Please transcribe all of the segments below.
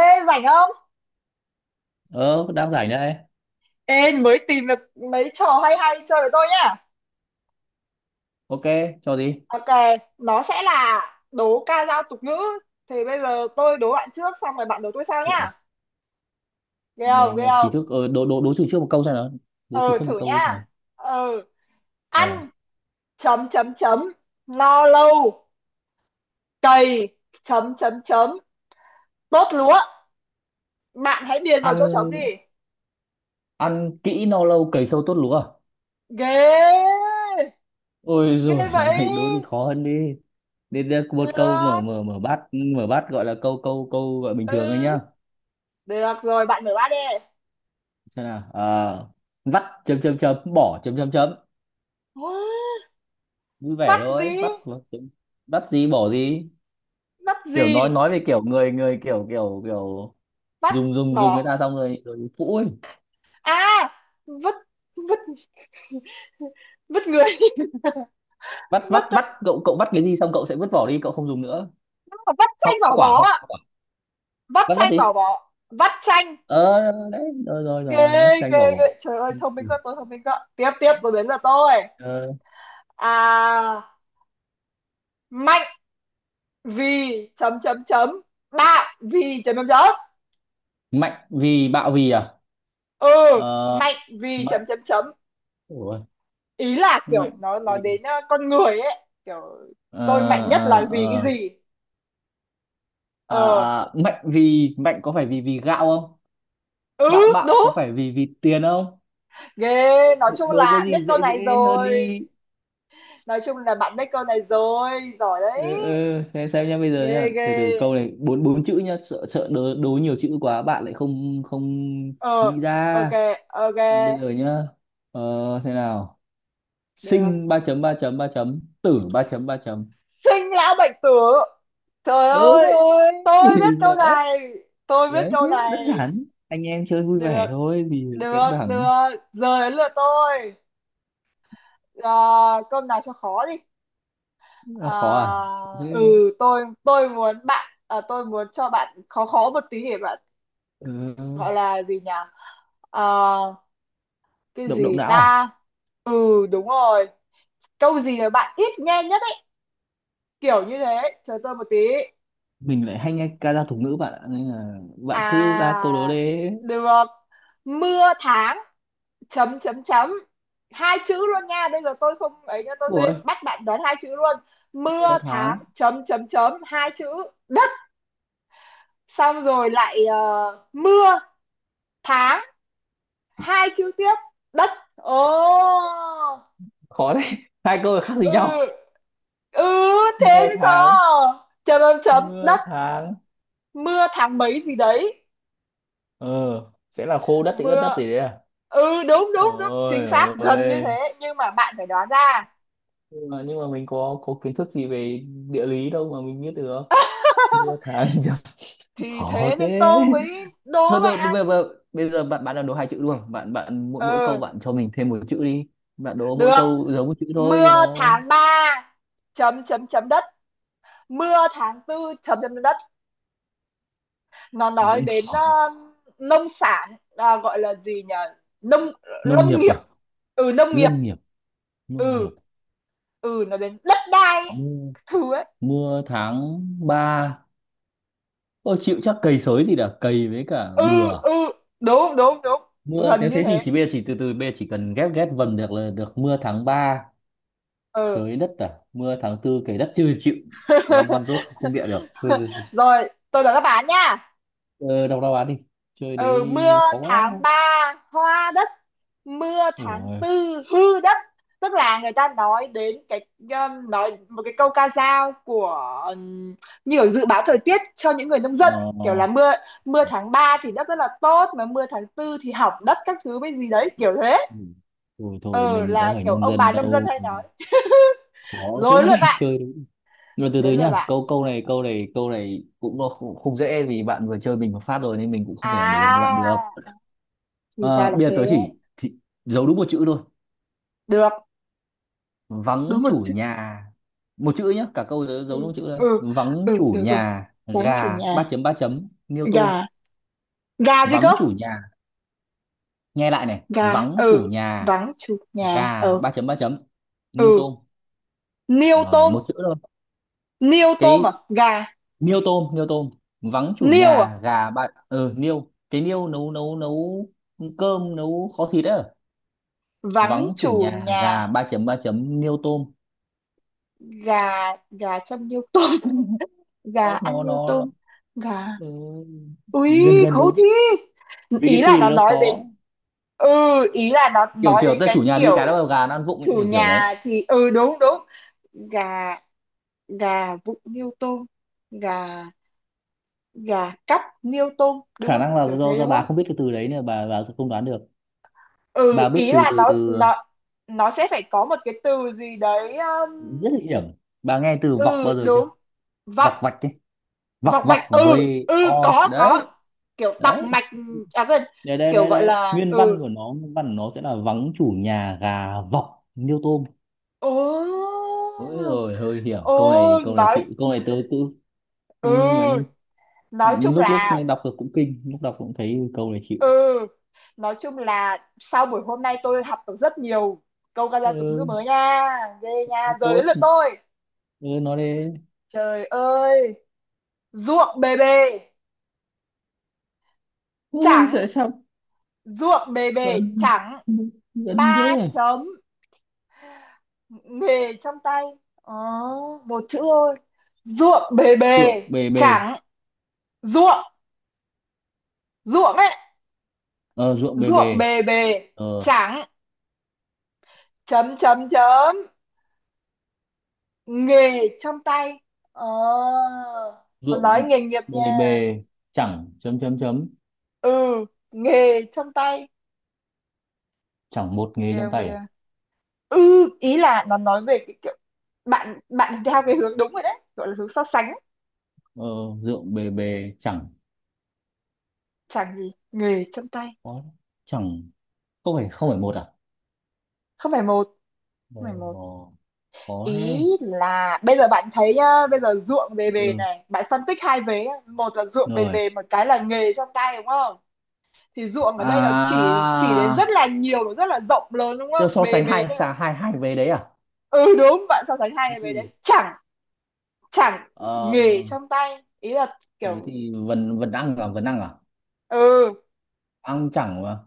Ê, rảnh không? Ờ Đang rảnh đây. Ê, mới tìm được mấy trò hay hay chơi với tôi nhá. Ok, cho gì? Ok, nó sẽ là đố ca dao tục ngữ. Thì bây giờ tôi đố bạn trước, xong rồi bạn đố tôi sau Ủa, nhá. Ghê Nghe không, ghê nghe trí không? thức. Ờ, đố đố đố chữ trước một câu xem nào. Đố chữ Ừ, trước một thử câu đi xem nhá. nào. Ừ, ờ ăn, chấm, chấm, chấm, no lâu, cày, chấm, chấm, chấm, tốt lúa. Bạn hãy điền vào chỗ trống Ăn. đi. Ăn kỹ no lâu cày sâu tốt lúa à? Ghê, Ôi ghê rồi vậy. ơi, đố gì khó hơn đi. Đến đây một câu mở Được, mở mở bát, mở bát, gọi là câu câu câu gọi bình thường ấy ừ, nhá. được rồi, bạn mở bát đi. Xem nào. Ờ Vắt chấm chấm chấm bỏ chấm chấm chấm. Wow! Vui vẻ Vắt thôi gì? vắt mà, chấm. Vắt gì bỏ gì? Vắt gì? Kiểu nói về kiểu người người kiểu kiểu kiểu Vắt dùng dùng dùng người bỏ ta xong rồi rồi phũ ấy. à? Vứt, vứt, vứt người. vắt vắt vứt. vắt cậu cậu vắt cái gì xong cậu sẽ vứt vỏ đi, cậu không dùng nữa. Vắt hoa chanh bỏ quả bó hoa ạ. quả Vắt Vắt vắt chanh gì? bỏ bó, vắt chanh. ờ Đấy rồi rồi Ghê, rồi vắt chanh ghê vào ghê, vỏ. trời ơi, thông minh Ừ. quá, tôi thông minh quá. Tiếp tiếp, tôi đến là tôi, Ờ, à, mạnh vì chấm chấm chấm, bạn vì chấm chấm chấm. mạnh vì bạo vì à? Ừ, Ờ, mạnh vì chấm mạnh. chấm chấm. Ủa, Ý là kiểu mạnh nó nói vì. đến con người ấy kiểu Ờ, tôi mạnh nhất là ờ, vì cái ờ. gì. À, Ờ. à, mạnh vì, mạnh có phải vì vì gạo không, bạo, Ừ, bạo đúng. có phải vì vì tiền không? Ghê, nói Đố chung đố cái là biết gì câu dễ này dễ hơn rồi. đi. Nói chung là bạn biết câu này rồi, giỏi Ừ, đấy. ừ, thế xem nhá. Bây giờ Ghê nhá, ghê. từ từ câu này bốn bốn chữ nhá, sợ sợ đố, đố nhiều chữ quá bạn lại không không Ờ, nghĩ ok, ra. ok. Bây giờ nhá, ờ, thế nào, Được. sinh ba chấm ba chấm ba chấm tử ba chấm ba chấm. Sinh lão bệnh tử. Trời Đúng ơi, rồi. tôi biết câu Đấy, này. Tôi biết đấy thế câu đơn này. giản, anh em chơi vui Được, vẻ thôi thì căng được, thẳng. được. Giờ đến lượt tôi. À, câu nào cho khó đi. Là khó À, à? ừ, Thế. tôi muốn bạn, tôi muốn cho bạn khó khó một tí để bạn Ờ, gọi là gì nhỉ? À, cái động động gì não à? ta. Ừ, đúng rồi. Câu gì mà bạn ít nghe nhất ấy, kiểu như thế. Chờ tôi một tí. Mình lại hay nghe ca dao tục ngữ bạn ạ, nên là bạn cứ ra câu đố à đấy. được. Mưa tháng chấm chấm chấm, hai chữ luôn nha. Bây giờ tôi không ấy nha, tôi sẽ Ủa, bắt bạn đoán hai chữ luôn. nửa Mưa tháng. tháng chấm chấm chấm, hai chữ, đất. Xong rồi lại mưa tháng, hai chữ tiếp, đất. Ồ. Khó đấy. Hai câu khác gì Ừ, nhau? ừ, thế Mưa mới tháng. có chấm chấm chấm Mưa đất. tháng. Mưa tháng mấy gì đấy, Ờ, sẽ là khô đất thì ướt đất mưa. gì đấy à? Ừ, đúng đúng đúng, Ôi. chính xác gần như Ôi. thế, nhưng mà bạn phải đoán ra. Nhưng mà, nhưng mà mình có kiến thức gì về địa lý đâu mà mình biết được. Mưa tháng chấm. Thì Khó thế nên thế. tôi mới thôi đố thôi bạn. bây giờ bạn bạn đã đố hai chữ luôn, bạn bạn mỗi mỗi câu Ừ, bạn cho mình thêm một chữ đi. Bạn đố mỗi được. câu giống một chữ thôi cho Mưa nó. tháng 3 chấm chấm chấm đất, mưa tháng tư chấm chấm đất. Nó nói Vẫn đến khó. nông sản à, gọi là gì nhỉ, nông, Nông lâm nghiệp nghiệp. à? Ừ, nông nghiệp. Lâm nghiệp. Nông nghiệp. Ừ, ừ, nó đến đất đai Mưa, các thứ ấy. mưa tháng ba. Tôi chịu, chắc cầy sới thì đã cầy với cả Ừ, bừa. ừ, đúng đúng đúng, Mưa gần nếu như thế thì thế. chỉ bây giờ chỉ từ từ bây giờ chỉ cần ghép ghép vần được là được. Mưa tháng 3 Ừ. sới đất à, mưa tháng tư cày đất, chưa chịu. Văn văn rốt không, không bịa được thôi. Rồi, tôi đợi các bạn nha. Ờ, đọc đáp án đi. Chơi đấy. Ừ, mưa Khó tháng quá. 3 hoa đất, mưa tháng Ủa. tư hư đất. Tức là người ta nói đến cái nói một cái câu ca dao của như kiểu dự báo thời tiết cho những người nông dân, kiểu là Ờ. mưa mưa tháng 3 thì đất rất là tốt, mà mưa tháng tư thì hỏng đất các thứ với gì đấy, kiểu thế. Ừ. Thôi thôi Ờ, mình có là phải kiểu nông ông dân bà nông dân đâu. hay nói. Khó Rồi thế. lượt bạn, Chơi đấy. Nhưng mà từ từ đến lượt nhá, bạn. câu câu này câu này câu này cũng không, không dễ vì bạn vừa chơi mình một phát rồi nên mình cũng không thể nào để yên cho bạn được. À, thì ra Ờ, là bây giờ tớ thế. chỉ thì giấu đúng một chữ thôi. Được, Vắng đúng một chủ chữ. nhà. Một chữ nhá, cả câu tớ Ừ, giấu đúng một chữ thôi. ừ, Vắng ừ, chủ được rồi. nhà Vắng chủ gà nhà, ba chấm niêu gà. tôm. Gà gì cơ? Vắng chủ nhà, nghe lại này, Gà. vắng chủ Ừ, nhà vắng chủ nhà. gà Ừ, ba chấm niêu ừ, tôm. niêu Ờ, tôm, một chữ thôi. niêu tôm Cái à, gà, niêu tôm, niêu tôm. Vắng chủ niêu à? nhà gà ba ờ niêu, cái niêu nấu nấu nấu cơm, nấu kho thịt đấy. Vắng Vắng chủ chủ nhà gà nhà, ba chấm niêu tôm. gà. Gà châm niêu tôm? Gà Ốc ăn niêu nó. tôm? Gà. Ừ, gần Ui, gần khấu đúng thi. vì Ý cái là từ đấy nó nó nói khó. đến. Ừ, ý là nó kiểu nói kiểu đến ta chủ cái nhà đi cái kiểu đó gà nó ăn vụng ấy, chủ kiểu kiểu đấy. nhà thì, ừ, đúng đúng. Gà, gà vụng niêu tôm, gà, gà cắp niêu tôm, đúng Khả không, năng là kiểu do thế đúng bà không? không biết cái từ đấy nên bà sẽ không đoán được. Bà Ừ, biết ý từ là từ nó từ nó nó sẽ phải có một cái từ gì đấy Rất là hiểm. Bà nghe từ vọc ừ, bao giờ đúng. chưa? Vọng, Vọc vạch ấy. vọc vọng vọc mạch. Ừ, với ừ, o có, đấy. kiểu tọc Đấy. mạch. À quên, đây đây kiểu đây gọi đây là. nguyên văn Ừ. của nó, nguyên văn của nó sẽ là vắng chủ nhà gà vọc niêu tôm. Ồ. Ôi rồi hơi hiểm, câu Ồ, này, câu này nói. chịu, câu này tớ cứ. Ừ. Ấy. Ừ, nói chung Lúc lúc là. đọc được cũng kinh, lúc đọc cũng thấy câu này Ừ, chịu. nói chung là sau buổi hôm nay tôi học được rất nhiều câu ca dao tục ngữ Ừ. mới nha. Ghê nha, giờ đến Tốt. lượt tôi. Ừ, nó đi. Trời ơi, ruộng bề bề Ui chẳng. sợ sao. Ruộng bề bề gần chẳng gần ba thế. chấm nghề trong tay. Ồ, một chữ thôi. Ruộng bề Ruộng bề bề bề. chẳng, ruộng, ruộng ấy. Ờ ruộng bề Ruộng bề. bề bề. Ờ Chẳng chấm chấm chấm nghề trong tay. Ồ, còn nói ruộng nghề nghiệp bề nha. bề chẳng chấm chấm chấm. Ừ, nghề trong tay. Chẳng một nghề Kìa trong không tay à? kìa. Ừ, ý là nó nói về cái kiểu, bạn bạn theo cái hướng đúng rồi đấy, gọi là hướng so sánh. Ờ ruộng bề bề chẳng Chẳng gì nghề chân tay. có. Chẳng, không phải không phải một à? Không phải một. Không phải một. Ờ, có Ý đấy. là bây giờ bạn thấy nhá, bây giờ ruộng bề bề Ừ, này bạn phân tích hai vế nhá. Một là ruộng bề rồi. bề, một cái là nghề trong tay, đúng không? Thì ruộng ở đây nó chỉ đến rất là À, nhiều, nó rất là rộng lớn đúng Tiêu không, so bề sánh bề hai đây là. xà hai hai về đấy à? Ừ, đúng, bạn so sánh hai Thế cái bề đấy. thì. Chẳng. Chẳng Ờ nghề trong tay, ý là thế kiểu. thì vần vần ăn à, vần ăn à? Ừ, Ăn chẳng mà.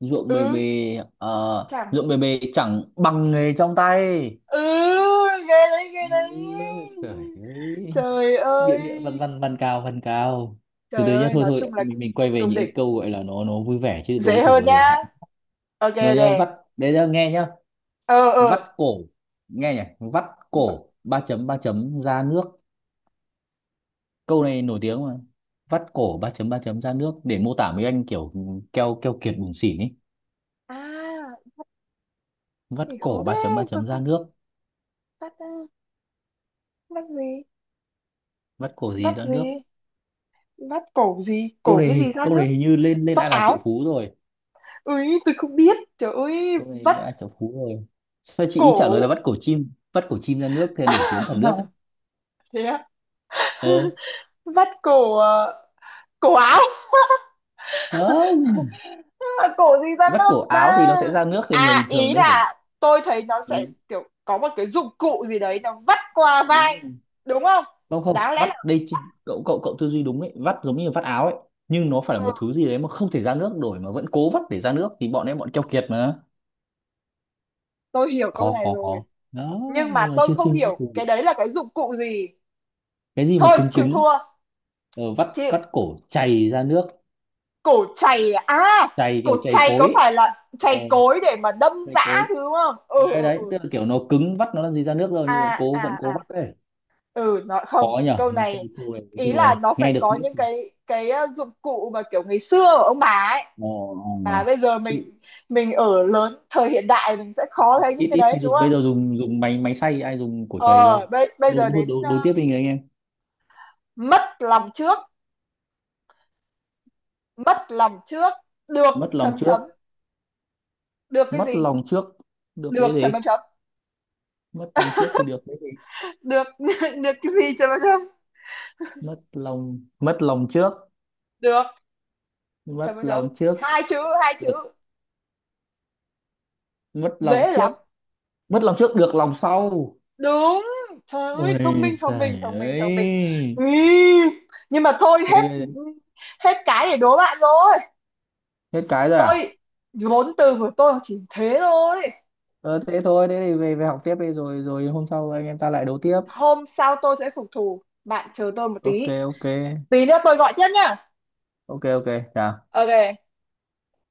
Ruộng bề bề. ừ, Ờ, chẳng. ruộng bề bề chẳng bằng nghề trong tay. Ừ, ghê đấy, Ừ. ghê đấy. Trời ơi. Trời Bịa ơi. bịa văn văn văn cao văn cao. Từ Trời từ nhá, ơi, thôi nói thôi chung là cũng mình quay về cũng những cái đỉnh. câu gọi là nó vui vẻ, chứ đố Dễ kiểu hơn vừa rồi nhá. hạnh. Ok, Rồi nhá, ok. vắt. Đấy nhá, nghe nhá. Ờ, Vắt ờ. cổ. Nghe nhỉ, vắt V-. cổ ba chấm ra nước. Câu này nổi tiếng mà. Vắt cổ ba chấm ra nước để mô tả mấy anh kiểu keo keo kiệt bủn xỉn ấy. À, Vắt thì khó cổ ba thế. Tôi chấm ra không nước. bắt, bắt gì? Vắt cổ Bắt gì ra gì? nước? Bắt cổ gì? Cổ cái gì ra Câu nước? này hình như lên lên Vắt ai là triệu áo. phú rồi. Ui, tôi không biết. Trời ơi, Câu này lên vắt ai là triệu phú rồi. Sao chị ý trả lời là cổ. vắt cổ chim, vắt cổ chim ra nước thì nổi tiếng cả nước ấy. Thế á? Ờ. Vắt cổ, cổ áo. Không, Mà cổ gì ra vắt nước cổ áo thì ta? nó sẽ ra nước thì người À, bình thường ý đấy phải. là tôi thấy nó sẽ Ừ, kiểu có một cái dụng cụ gì đấy nó vắt qua đúng vai. rồi. Đúng không? Không, không Đáng lẽ. vắt đây chị. Cậu cậu cậu tư duy đúng ấy, vắt giống như vắt áo ấy. Nhưng nó phải Ờ, là một thứ gì đấy mà không thể ra nước nổi mà vẫn cố vắt để ra nước thì bọn em bọn keo kiệt mà. tôi hiểu câu khó này khó rồi, khó Đó. nhưng mà Nhưng mà tôi chưa chưa không nghĩ hiểu cái từ-. đấy là cái dụng cụ gì. Cái gì mà Thôi cứng chịu cứng thua. Ờ, vắt Chịu. vắt cổ chày ra nước. Cổ chày à? À, Chày cổ kiểu chày chày cối có ấy. phải là chày Ồ, cối để mà đâm cái dã cối. thứ đúng không? Ừ, Đấy, ừ, đấy ừ. tức là kiểu nó cứng, vắt nó làm gì ra nước rồi nhưng mà À cố vẫn à cố à. vắt đấy. Ừ, nó không, Khó nhở, câu mấy câu này câu này nói ý chung là là nó phải nghe được có biết. những cái dụng cụ mà kiểu ngày xưa của ông bà ấy Ồ. mà Ồ. bây giờ Chịu. mình ở lớn thời hiện đại mình sẽ khó thấy những ít cái ít khi đấy đúng dùng, bây không? giờ dùng dùng máy máy xay, ai dùng cổ chày Ờ. đâu. bây bây đối giờ đối đến đối, đối tiếp đi người anh em. mất lòng trước. Mất lòng trước được Mất lòng chấm trước. chấm, được cái Mất gì? lòng trước được Được cái chấm chấm gì. chấm. Mất lòng trước thì được cái gì. Được. Được cái gì chấm chấm chấm? Mất lòng trước. Được chấm Mất chấm chấm, lòng trước hai chữ, hai được. chữ, Mất lòng dễ trước. lắm. Mất lòng trước được lòng sau. Đúng. Trời ơi, thông Ôi minh thông minh giời thông minh thông minh. ơi. Ý, nhưng mà thôi, Thế- hết, thế- hết cái để đố bạn rồi. Hết cái rồi à? Tôi, vốn từ của tôi chỉ thế thôi. Ờ, thế thôi, thế thì về về học tiếp đi rồi rồi hôm sau anh em ta lại đấu tiếp. Hôm sau tôi sẽ phục thù, bạn chờ tôi một Ok. tí. Ok. Tí nữa tôi gọi tiếp nhá. Ok. Ok, chào. Ok.